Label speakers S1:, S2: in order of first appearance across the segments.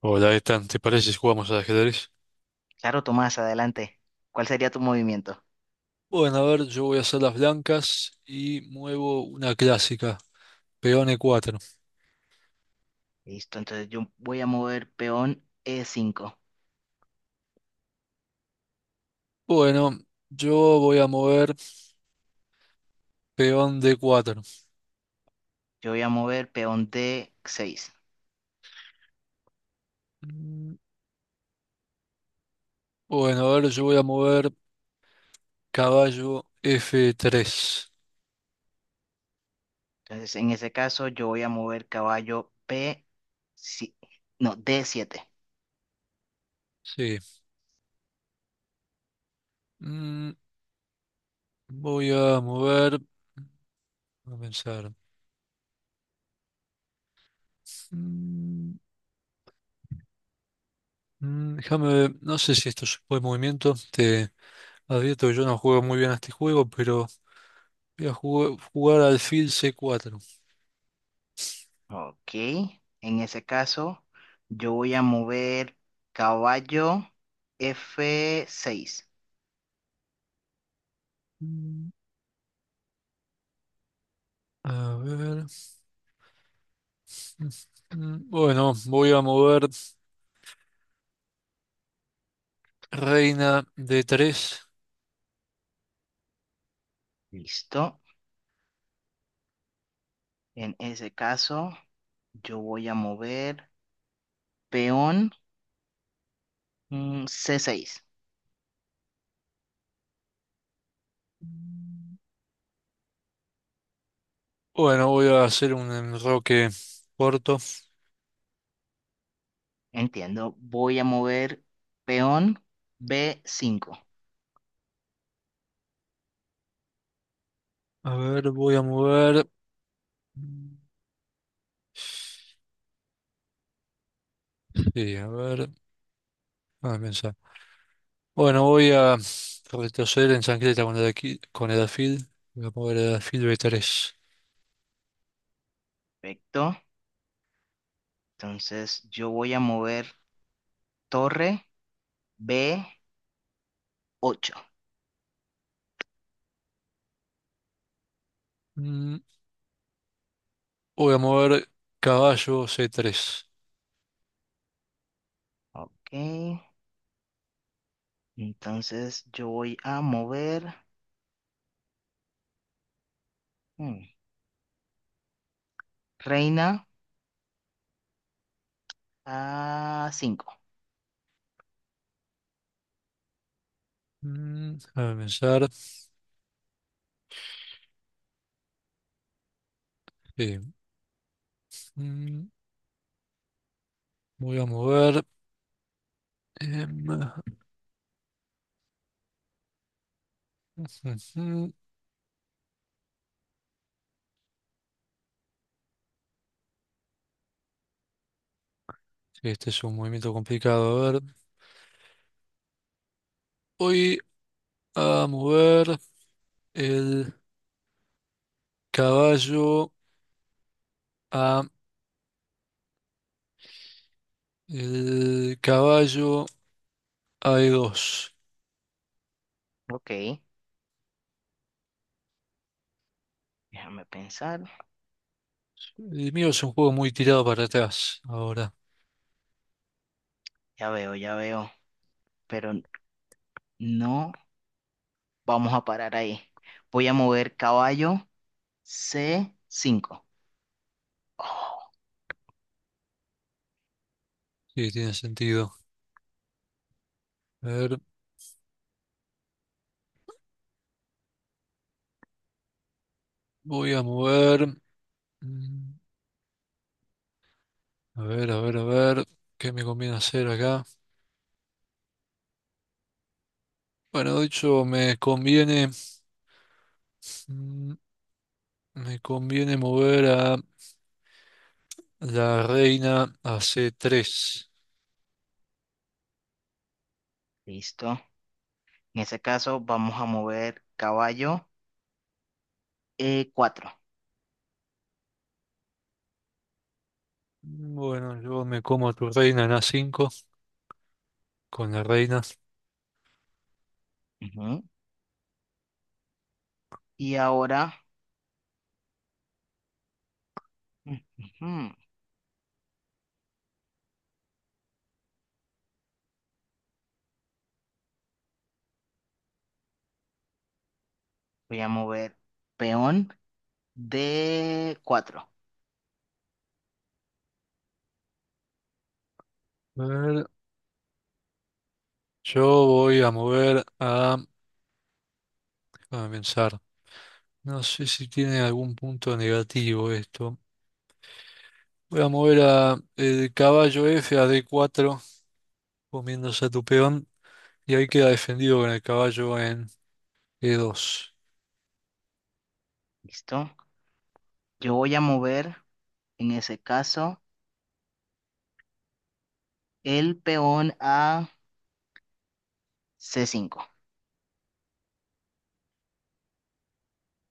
S1: Hola, Ethan, ¿te parece si jugamos al ajedrez?
S2: Claro, Tomás, adelante. ¿Cuál sería tu movimiento?
S1: Bueno, a ver, yo voy a hacer las blancas y muevo una clásica, peón e cuatro.
S2: Listo, entonces yo voy a mover peón E5.
S1: Bueno, yo voy a mover peón d cuatro.
S2: Yo voy a mover peón D6.
S1: Mm, Bueno, a ver, yo voy a mover caballo f tres.
S2: Entonces, en ese caso, yo voy a mover caballo P, si- no, D7.
S1: Sí. Mm, voy a mover, a pensar. Mm, déjame ver, no sé si esto es buen movimiento, te advierto que yo no juego muy bien a este juego, pero voy a jugar alfil c cuatro.
S2: Ok, en ese caso, yo voy a mover caballo F6.
S1: Mm, A ver. Bueno, voy a mover reina de tres.
S2: Listo. En ese caso, yo voy a mover peón C6.
S1: Bueno, voy a hacer un enroque corto.
S2: Entiendo. Voy a mover peón b cinco.
S1: A ver, voy a mover. Mm, sí, a ver, a pensar. Bueno, voy a retroceder en chancleta con el alfil. Voy a mover el alfil B3.
S2: Perfecto. Entonces yo voy a mover torre b ocho.
S1: Mm, Voy a mover caballo c tres.
S2: Ok. Entonces yo voy a mover mm, reina a cinco.
S1: A pensar. Sí. Mm, Voy a mover. em, Ujú. Este es un movimiento complicado. A ver, voy a mover el caballo a el caballo a E2.
S2: Ok. Déjame pensar.
S1: El mío es un juego muy tirado para atrás ahora.
S2: Ya veo, ya veo. Pero no vamos a parar ahí. Voy a mover caballo c cinco. Oh,
S1: Sí, tiene sentido. A ver, voy a mover. mm, A ver, a ver, a ver. ¿Qué me conviene hacer acá? Bueno, de hecho, me conviene. mm, Me conviene mover a la reina a c tres.
S2: listo. En ese caso vamos a mover caballo cuatro.
S1: Bueno, yo me como a tu reina en A5 con la reina.
S2: Ujú. Y ahora ujú, voy a mover peón de cuatro.
S1: A ver, yo voy a mover a... Déjame pensar. No sé si tiene algún punto negativo esto. Voy a mover a el caballo F a D4, comiéndose a tu peón. Y ahí queda defendido con el caballo en E2.
S2: ¿Listo? Yo voy a mover, en ese caso, el peón a c cinco.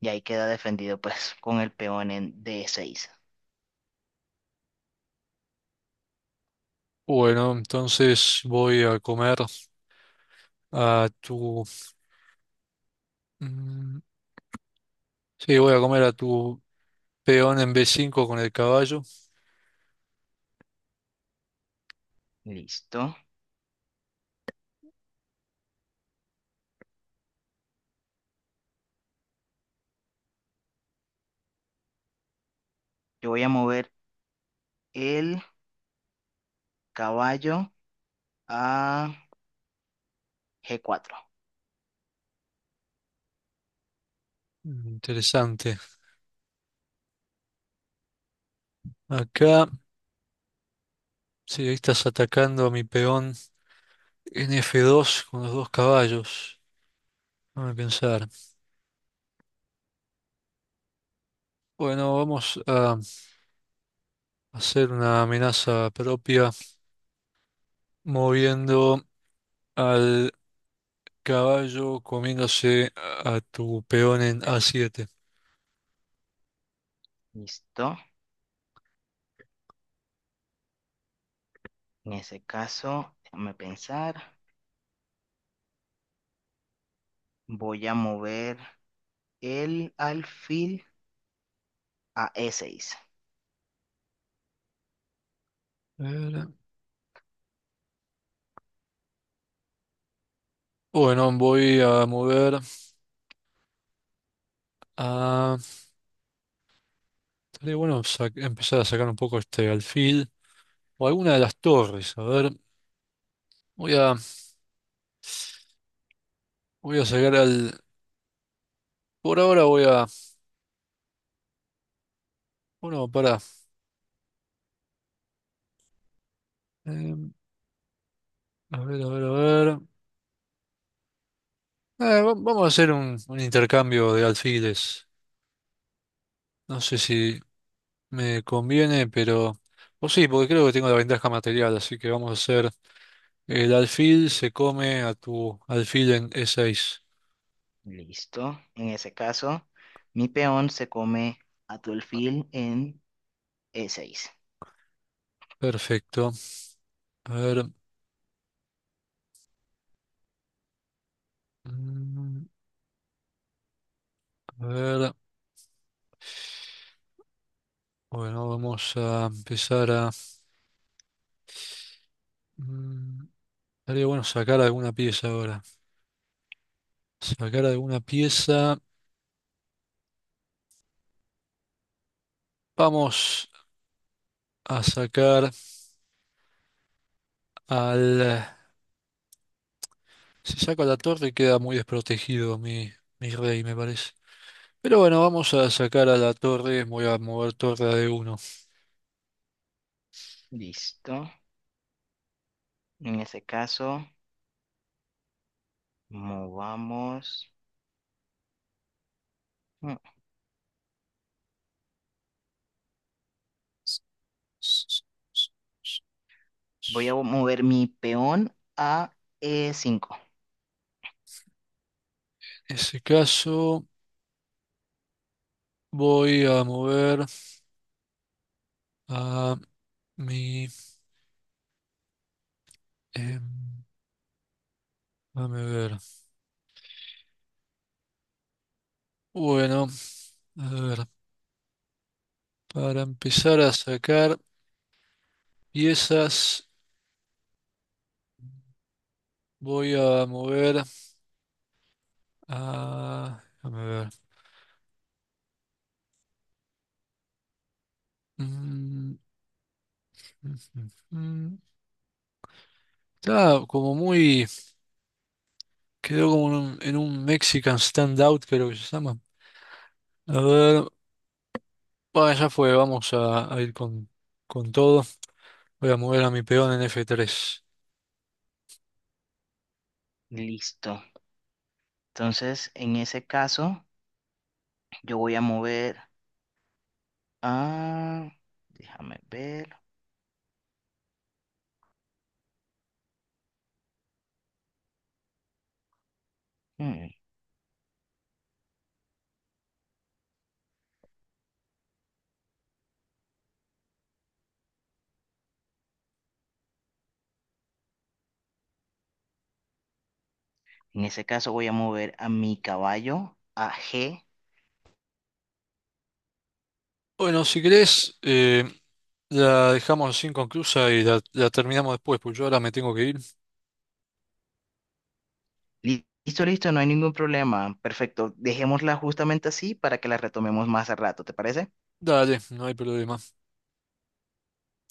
S2: Y ahí queda defendido, pues, con el peón en d seis.
S1: Bueno, entonces voy a comer a tu... Mm, sí, voy a comer a tu peón en B5 con el caballo.
S2: ¿Listo? Yo voy a mover el caballo a g cuatro.
S1: Interesante. Acá. Sí, ahí estás atacando a mi peón en F2 con los dos caballos. Déjame pensar. Bueno, vamos a hacer una amenaza propia moviendo al caballo comiéndose a tu peón en A7.
S2: ¿Listo? En ese caso, déjame pensar. Voy a mover el alfil a e seis.
S1: A ver. Bueno, voy a mover a... Estaría bueno empezar a sacar un poco este alfil o alguna de las torres. A ver, voy a, voy a sacar al... Por ahora voy a... Bueno, para. A ver, a ver, a ver. Vamos a hacer un intercambio de alfiles. No sé si me conviene, pero... O sí, porque creo que tengo la ventaja material, así que vamos a hacer... El alfil se come a tu alfil en E6.
S2: Listo. En ese caso, mi peón se come a tu alfil en E6.
S1: Perfecto. A ver... mm, A ver... Bueno, vamos a empezar a... mm, Estaría bueno sacar alguna pieza ahora. Sacar alguna pieza. Vamos a sacar al... Si saco la torre queda muy desprotegido mi rey, me parece. Pero bueno, vamos a sacar a la torre. Voy a mover torre a D1.
S2: Listo. En ese caso, movamos. Mm, Voy a mover mi peón a E5.
S1: En ese caso, voy a mover a mi... em, dame ver. Bueno, a ver, para empezar a sacar piezas, voy a mover a... Dame ver. Mm, mm, mm, mm. Está como muy... Quedó como en un Mexican standout, creo que se llama. A ver, bueno, ya fue, vamos a ir con todo. Voy a mover a mi peón en F3.
S2: Listo. Entonces, en ese caso, yo voy a mover a... Déjame ver. Mm, En ese caso, voy a mover a mi caballo a G.
S1: Bueno, si querés, la dejamos así inconclusa y la terminamos después, pues yo ahora me tengo que ir.
S2: Listo, listo, no hay ningún problema. Perfecto. Dejémosla justamente así para que la retomemos más a rato, ¿te parece?
S1: Dale, no hay problema.